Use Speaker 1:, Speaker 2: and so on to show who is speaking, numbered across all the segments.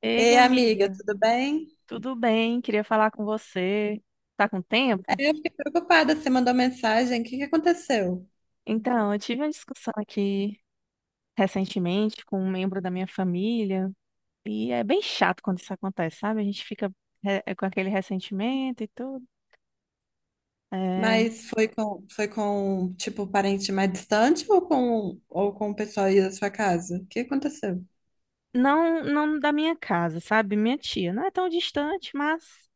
Speaker 1: Ei,
Speaker 2: Ei, amiga,
Speaker 1: amiga,
Speaker 2: tudo bem?
Speaker 1: tudo bem? Queria falar com você. Tá com tempo?
Speaker 2: Eu fiquei preocupada, você mandou mensagem, o que que aconteceu?
Speaker 1: Então, eu tive uma discussão aqui recentemente com um membro da minha família e é bem chato quando isso acontece, sabe? A gente fica com aquele ressentimento e tudo. É,
Speaker 2: Mas foi com, tipo, um parente mais distante ou com o pessoal aí da sua casa? O que aconteceu?
Speaker 1: não, não da minha casa, sabe? Minha tia não é tão distante, mas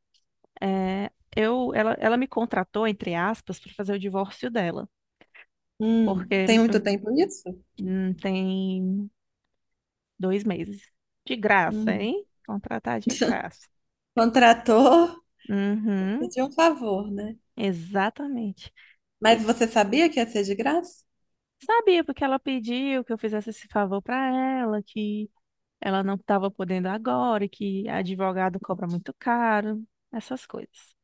Speaker 1: é, ela me contratou, entre aspas, para fazer o divórcio dela. Porque
Speaker 2: Tem muito tempo isso?
Speaker 1: tem 2 meses. De graça,
Speaker 2: Hum.
Speaker 1: hein? Contratar de graça.
Speaker 2: Contratou,
Speaker 1: Uhum,
Speaker 2: pediu um favor, né?
Speaker 1: exatamente.
Speaker 2: Mas
Speaker 1: E
Speaker 2: você sabia que ia ser de graça?
Speaker 1: sabia porque ela pediu que eu fizesse esse favor para ela, que ela não estava podendo agora, e que advogado cobra muito caro, essas coisas.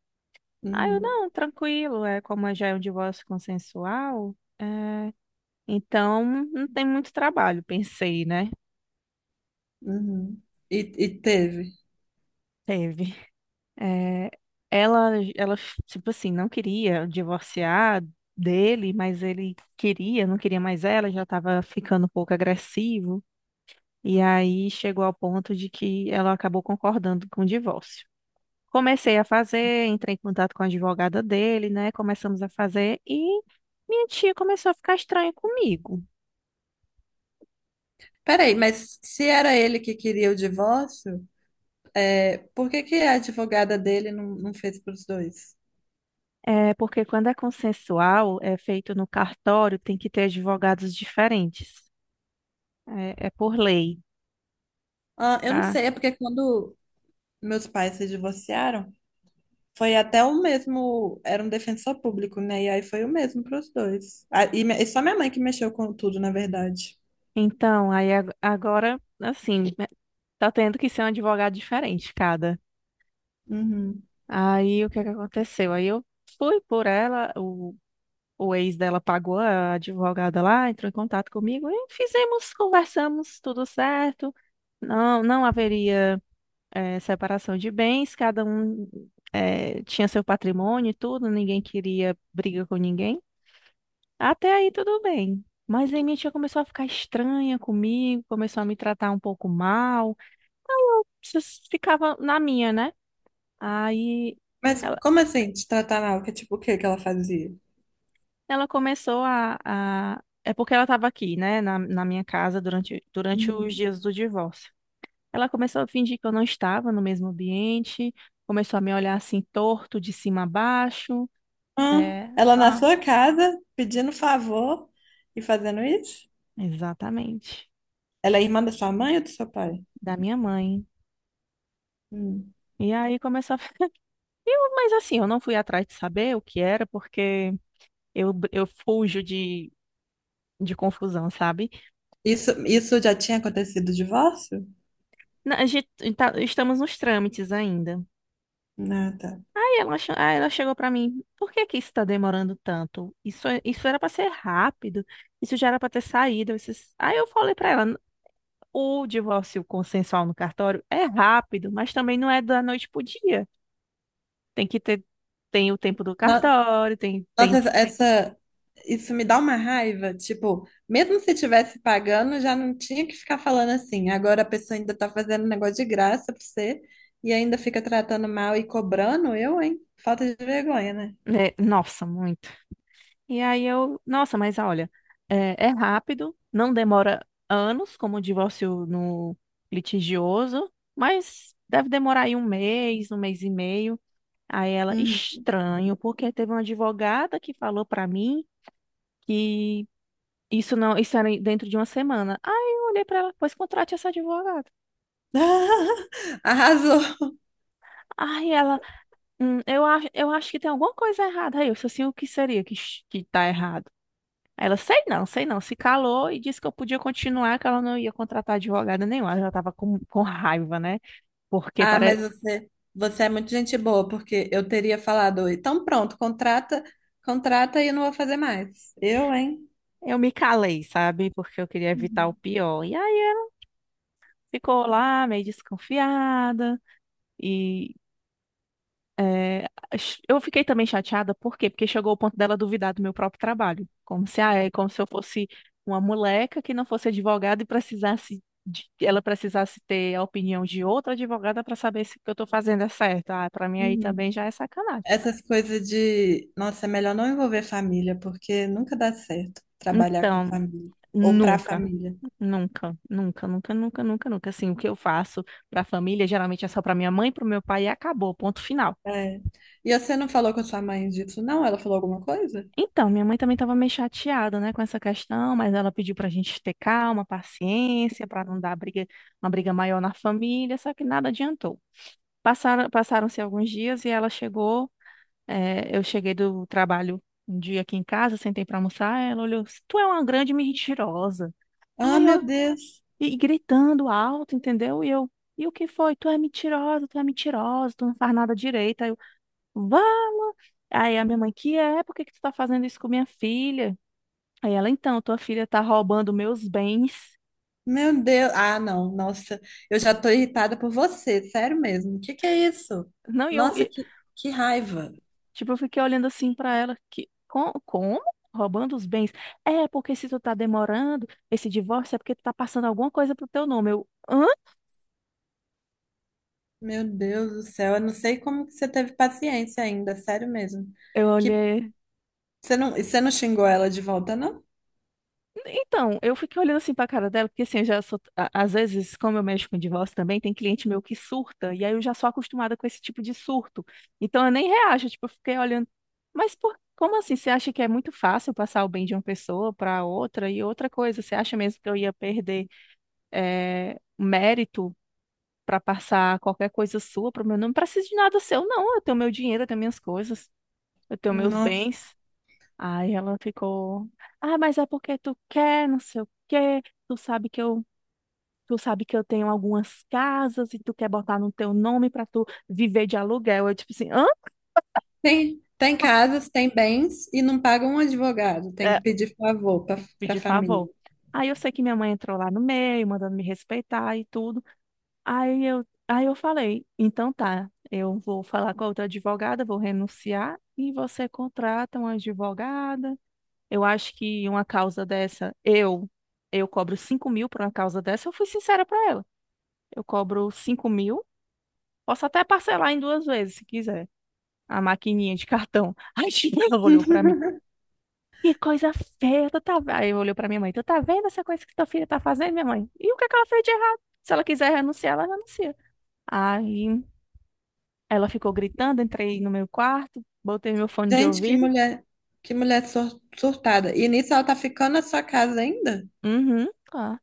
Speaker 1: Aí eu,
Speaker 2: Uhum,
Speaker 1: não, tranquilo, é como já é um divórcio consensual, então não tem muito trabalho, pensei, né?
Speaker 2: uhum. E teve.
Speaker 1: Teve. É, ela, Ela, tipo assim, não queria divorciar dele, mas ele queria, não queria mais ela, já estava ficando um pouco agressivo. E aí chegou ao ponto de que ela acabou concordando com o divórcio. Comecei a fazer, entrei em contato com a advogada dele, né? Começamos a fazer e minha tia começou a ficar estranha comigo.
Speaker 2: Peraí, mas se era ele que queria o divórcio, é, por que que a advogada dele não fez para os dois?
Speaker 1: É porque quando é consensual, é feito no cartório, tem que ter advogados diferentes. É, por lei.
Speaker 2: Ah, eu não
Speaker 1: Ah,
Speaker 2: sei, é porque quando meus pais se divorciaram, foi até o mesmo, era um defensor público, né? E aí foi o mesmo para os dois. Ah, e, me- e só minha mãe que mexeu com tudo, na verdade.
Speaker 1: então, aí agora, assim, né, tá tendo que ser um advogado diferente, cada.
Speaker 2: Uhum.
Speaker 1: Aí o que é que aconteceu? Aí eu fui por ela, o ex dela pagou a advogada lá, entrou em contato comigo e fizemos, conversamos, tudo certo. Não, não haveria separação de bens, cada um tinha seu patrimônio e tudo, ninguém queria briga com ninguém. Até aí tudo bem. Mas aí minha tia começou a ficar estranha comigo, começou a me tratar um pouco mal. Ficava na minha, né? Aí
Speaker 2: Mas
Speaker 1: ela,
Speaker 2: como assim, te tratar mal? Que tipo, o que que ela fazia?
Speaker 1: ela começou a. É porque ela estava aqui, né? Na minha casa durante os
Speaker 2: Uhum.
Speaker 1: dias do divórcio. Ela começou a fingir que eu não estava no mesmo ambiente, começou a me olhar assim torto, de cima a baixo.
Speaker 2: Ah,
Speaker 1: É,
Speaker 2: ela na
Speaker 1: ah,
Speaker 2: sua casa, pedindo favor e fazendo isso?
Speaker 1: exatamente,
Speaker 2: Ela é irmã da sua mãe ou do seu pai?
Speaker 1: da minha mãe.
Speaker 2: Hum.
Speaker 1: E aí começou a. Eu, mas assim, eu não fui atrás de saber o que era, porque eu fujo de confusão, sabe?
Speaker 2: Isso já tinha acontecido o divórcio?
Speaker 1: Não, a gente estamos nos trâmites ainda.
Speaker 2: Ah, tá.
Speaker 1: Aí ela chegou pra mim, por que que isso tá demorando tanto? Isso, isso era pra ser rápido, isso já era pra ter saído. Esses... Aí eu falei pra ela, o divórcio consensual no cartório é rápido, mas também não é da noite pro dia. Tem que ter, tem o tempo do
Speaker 2: Não.
Speaker 1: cartório,
Speaker 2: Nossa,
Speaker 1: tem,
Speaker 2: essa, essa- isso me dá uma raiva. Tipo, mesmo se tivesse pagando, já não tinha que ficar falando assim. Agora a pessoa ainda tá fazendo um negócio de graça pra você e ainda fica tratando mal e cobrando. Eu, hein? Falta de vergonha, né?
Speaker 1: né? Nossa, muito. E aí eu, nossa, mas olha, é rápido, não demora anos, como o divórcio no litigioso, mas deve demorar aí um mês e meio. Aí ela,
Speaker 2: Uhum.
Speaker 1: estranho, porque teve uma advogada que falou pra mim que isso não, isso era dentro de uma semana. Aí eu olhei pra ela, pois contrate essa advogada.
Speaker 2: Arrasou.
Speaker 1: Aí ela, eu acho que tem alguma coisa errada." Aí eu, assim, o que seria que tá errado? Aí ela, sei não, se calou e disse que eu podia continuar, que ela não ia contratar advogada nenhuma. Ela já estava com raiva, né? Porque
Speaker 2: Ah,
Speaker 1: para...
Speaker 2: mas você é muito gente boa, porque eu teria falado, então pronto, contrata e eu não vou fazer mais. Eu, hein?
Speaker 1: eu me calei, sabe? Porque eu queria evitar o
Speaker 2: Uhum.
Speaker 1: pior. E aí ela ficou lá meio desconfiada e É, eu fiquei também chateada, por quê? Porque chegou o ponto dela duvidar do meu próprio trabalho. Como se, ah, é como se eu fosse uma moleca que não fosse advogada e ela precisasse ter a opinião de outra advogada para saber se o que eu estou fazendo é certo. Ah, para mim aí
Speaker 2: Uhum.
Speaker 1: também já é sacanagem.
Speaker 2: Essas coisas de, nossa, é melhor não envolver família, porque nunca dá certo trabalhar com
Speaker 1: Então,
Speaker 2: família ou pra
Speaker 1: nunca,
Speaker 2: família.
Speaker 1: nunca, nunca, nunca, nunca, nunca, nunca. Assim, o que eu faço para a família geralmente é só para minha mãe, para o meu pai e acabou, ponto final.
Speaker 2: É. E você não falou com a sua mãe disso, não? Ela falou alguma coisa?
Speaker 1: Então, minha mãe também estava meio chateada, né, com essa questão, mas ela pediu para a gente ter calma, paciência, para não dar briga, uma briga maior na família, só que nada adiantou. Passaram, passaram-se alguns dias e eu cheguei do trabalho um dia aqui em casa, sentei para almoçar, ela olhou, tu é uma grande mentirosa.
Speaker 2: Ah,
Speaker 1: Ai,
Speaker 2: meu
Speaker 1: eu,
Speaker 2: Deus.
Speaker 1: e gritando alto, entendeu? E eu, e o que foi? Tu é mentirosa, tu é mentirosa, tu não faz nada direito. Aí eu, vá! Aí a minha mãe, que é? Por que que tu tá fazendo isso com minha filha? Aí ela, então, tua filha tá roubando meus bens.
Speaker 2: Meu Deus. Ah, não. Nossa, eu já tô irritada por você, sério mesmo. O que que é isso?
Speaker 1: Não, e eu,
Speaker 2: Nossa,
Speaker 1: e-
Speaker 2: que raiva.
Speaker 1: tipo, eu fiquei olhando assim pra ela, que, Como? Roubando os bens? É, porque se tu tá demorando esse divórcio é porque tu tá passando alguma coisa pro teu nome." Eu, hã?
Speaker 2: Meu Deus do céu, eu não sei como que você teve paciência ainda, sério mesmo.
Speaker 1: Eu
Speaker 2: Que
Speaker 1: olhei
Speaker 2: você não, e você não xingou ela de volta, não?
Speaker 1: Então, eu fiquei olhando assim pra cara dela, porque assim, eu já sou, às vezes, como eu mexo com divórcio também, tem cliente meu que surta, e aí eu já sou acostumada com esse tipo de surto. Então eu nem reajo, tipo, eu fiquei olhando, mas por, como assim? Você acha que é muito fácil passar o bem de uma pessoa pra outra e outra coisa? Você acha mesmo que eu ia perder mérito pra passar qualquer coisa sua pro meu nome? Não preciso de nada seu, não. Eu tenho meu dinheiro, eu tenho minhas coisas, eu tenho meus
Speaker 2: Nossa.
Speaker 1: bens. Aí ela ficou, ah, mas é porque tu quer, não sei o quê, tu sabe que eu, tu sabe que eu tenho algumas casas e tu quer botar no teu nome pra tu viver de aluguel. Eu tipo assim, hã?
Speaker 2: Tem, tem casas, tem bens e não paga um advogado, tem que
Speaker 1: É,
Speaker 2: pedir favor para a
Speaker 1: pedi
Speaker 2: família.
Speaker 1: favor. Aí eu sei que minha mãe entrou lá no meio, mandando me respeitar e tudo. Aí eu falei, então tá, eu vou falar com a outra advogada, vou renunciar e você contrata uma advogada. Eu acho que uma causa dessa, eu cobro 5.000 por uma causa dessa, eu fui sincera pra ela. Eu cobro 5 mil. Posso até parcelar em duas vezes, se quiser. A maquininha de cartão. Aí, tipo, ela olhou pra mim. "Que coisa feia, tu tá... ve-" Aí olhou Olhei pra minha mãe. "Tu tá vendo essa coisa que tua filha tá fazendo, minha mãe?" "E o que é que ela fez de errado? Se ela quiser renunciar, ela renuncia." Aí ela ficou gritando, entrei no meu quarto, botei meu fone de
Speaker 2: Gente,
Speaker 1: ouvido.
Speaker 2: surtada. E nisso ela tá ficando na sua casa ainda?
Speaker 1: Uhum, tá.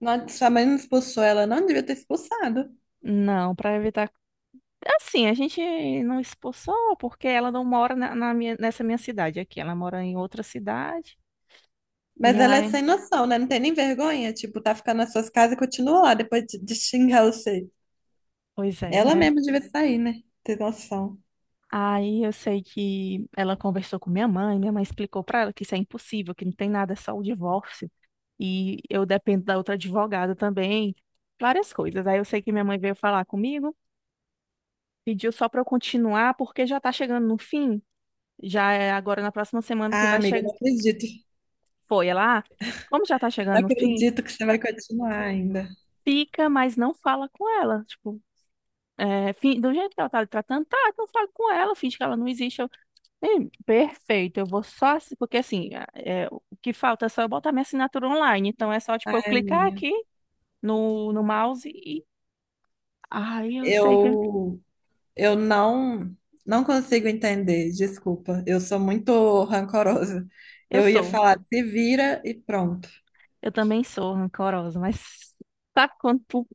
Speaker 2: Não, sua mãe não expulsou ela, não devia ter expulsado.
Speaker 1: Não, pra evitar... Assim, a gente não expulsou porque ela não mora na minha, nessa minha cidade aqui. Ela mora em outra cidade.
Speaker 2: Mas
Speaker 1: E
Speaker 2: ela é
Speaker 1: aí,
Speaker 2: sem noção, né? Não tem nem vergonha. Tipo, tá ficando nas suas casas e continua lá depois de xingar você.
Speaker 1: pois é,
Speaker 2: Ela
Speaker 1: né?
Speaker 2: mesma devia sair, né? Ter noção.
Speaker 1: Aí eu sei que ela conversou com minha mãe explicou para ela que isso é impossível, que não tem nada, é só o divórcio. E eu dependo da outra advogada também, várias coisas. Aí eu sei que minha mãe veio falar comigo, pediu só para eu continuar, porque já tá chegando no fim, já é agora na próxima semana que
Speaker 2: Ah,
Speaker 1: vai
Speaker 2: amiga, eu
Speaker 1: chegar.
Speaker 2: não acredito.
Speaker 1: Foi ela, ah, como já tá
Speaker 2: Eu não
Speaker 1: chegando no fim,
Speaker 2: acredito que você vai continuar ainda.
Speaker 1: fica, mas não fala com ela. Tipo, é, do jeito que ela tá lhe tratando, tá, então fala com ela, finge que ela não existe. Sim, perfeito, eu vou só, porque assim, é, o que falta é só eu botar minha assinatura online, então é só, tipo, eu
Speaker 2: Ai,
Speaker 1: clicar
Speaker 2: amiga.
Speaker 1: aqui no mouse e, ai, eu sei que,
Speaker 2: Eu, eu não, Não consigo entender. Desculpa. Eu sou muito rancorosa.
Speaker 1: eu
Speaker 2: Eu ia
Speaker 1: sou,
Speaker 2: falar, se vira e pronto.
Speaker 1: eu também sou rancorosa, mas sabe quando tu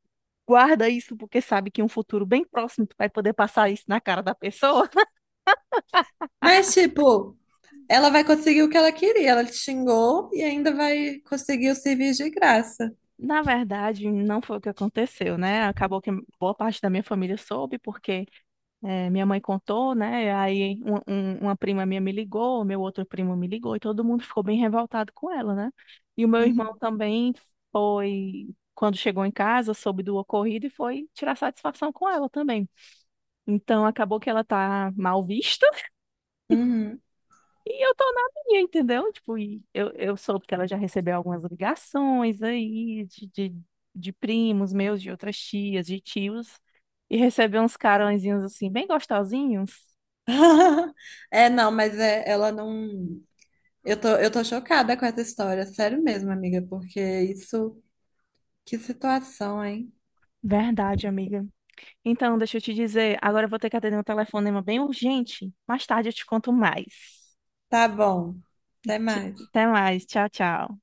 Speaker 1: guarda isso porque sabe que em um futuro bem próximo tu vai poder passar isso na cara da pessoa?
Speaker 2: Mas, tipo, ela vai conseguir o que ela queria. Ela te xingou e ainda vai conseguir o serviço de graça.
Speaker 1: Na verdade, não foi o que aconteceu, né, acabou que boa parte da minha família soube, porque é, minha mãe contou, né? Aí uma prima minha me ligou, meu outro primo me ligou, e todo mundo ficou bem revoltado com ela, né? E o meu
Speaker 2: Uhum.
Speaker 1: irmão também foi, quando chegou em casa, soube do ocorrido e foi tirar satisfação com ela também. Então acabou que ela tá mal vista
Speaker 2: Uhum.
Speaker 1: e eu tô na minha, entendeu? Tipo, e eu soube que ela já recebeu algumas ligações aí de primos meus, de outras tias, de tios, e recebeu uns carõezinhos assim, bem gostosinhos.
Speaker 2: É, não, mas é, ela não. Eu tô chocada com essa história, sério mesmo, amiga, porque isso. Que situação, hein?
Speaker 1: Verdade, amiga. Então, deixa eu te dizer, agora eu vou ter que atender um telefonema bem urgente. Mais tarde eu te conto mais.
Speaker 2: Tá bom. Até mais.
Speaker 1: Até mais. Tchau, tchau.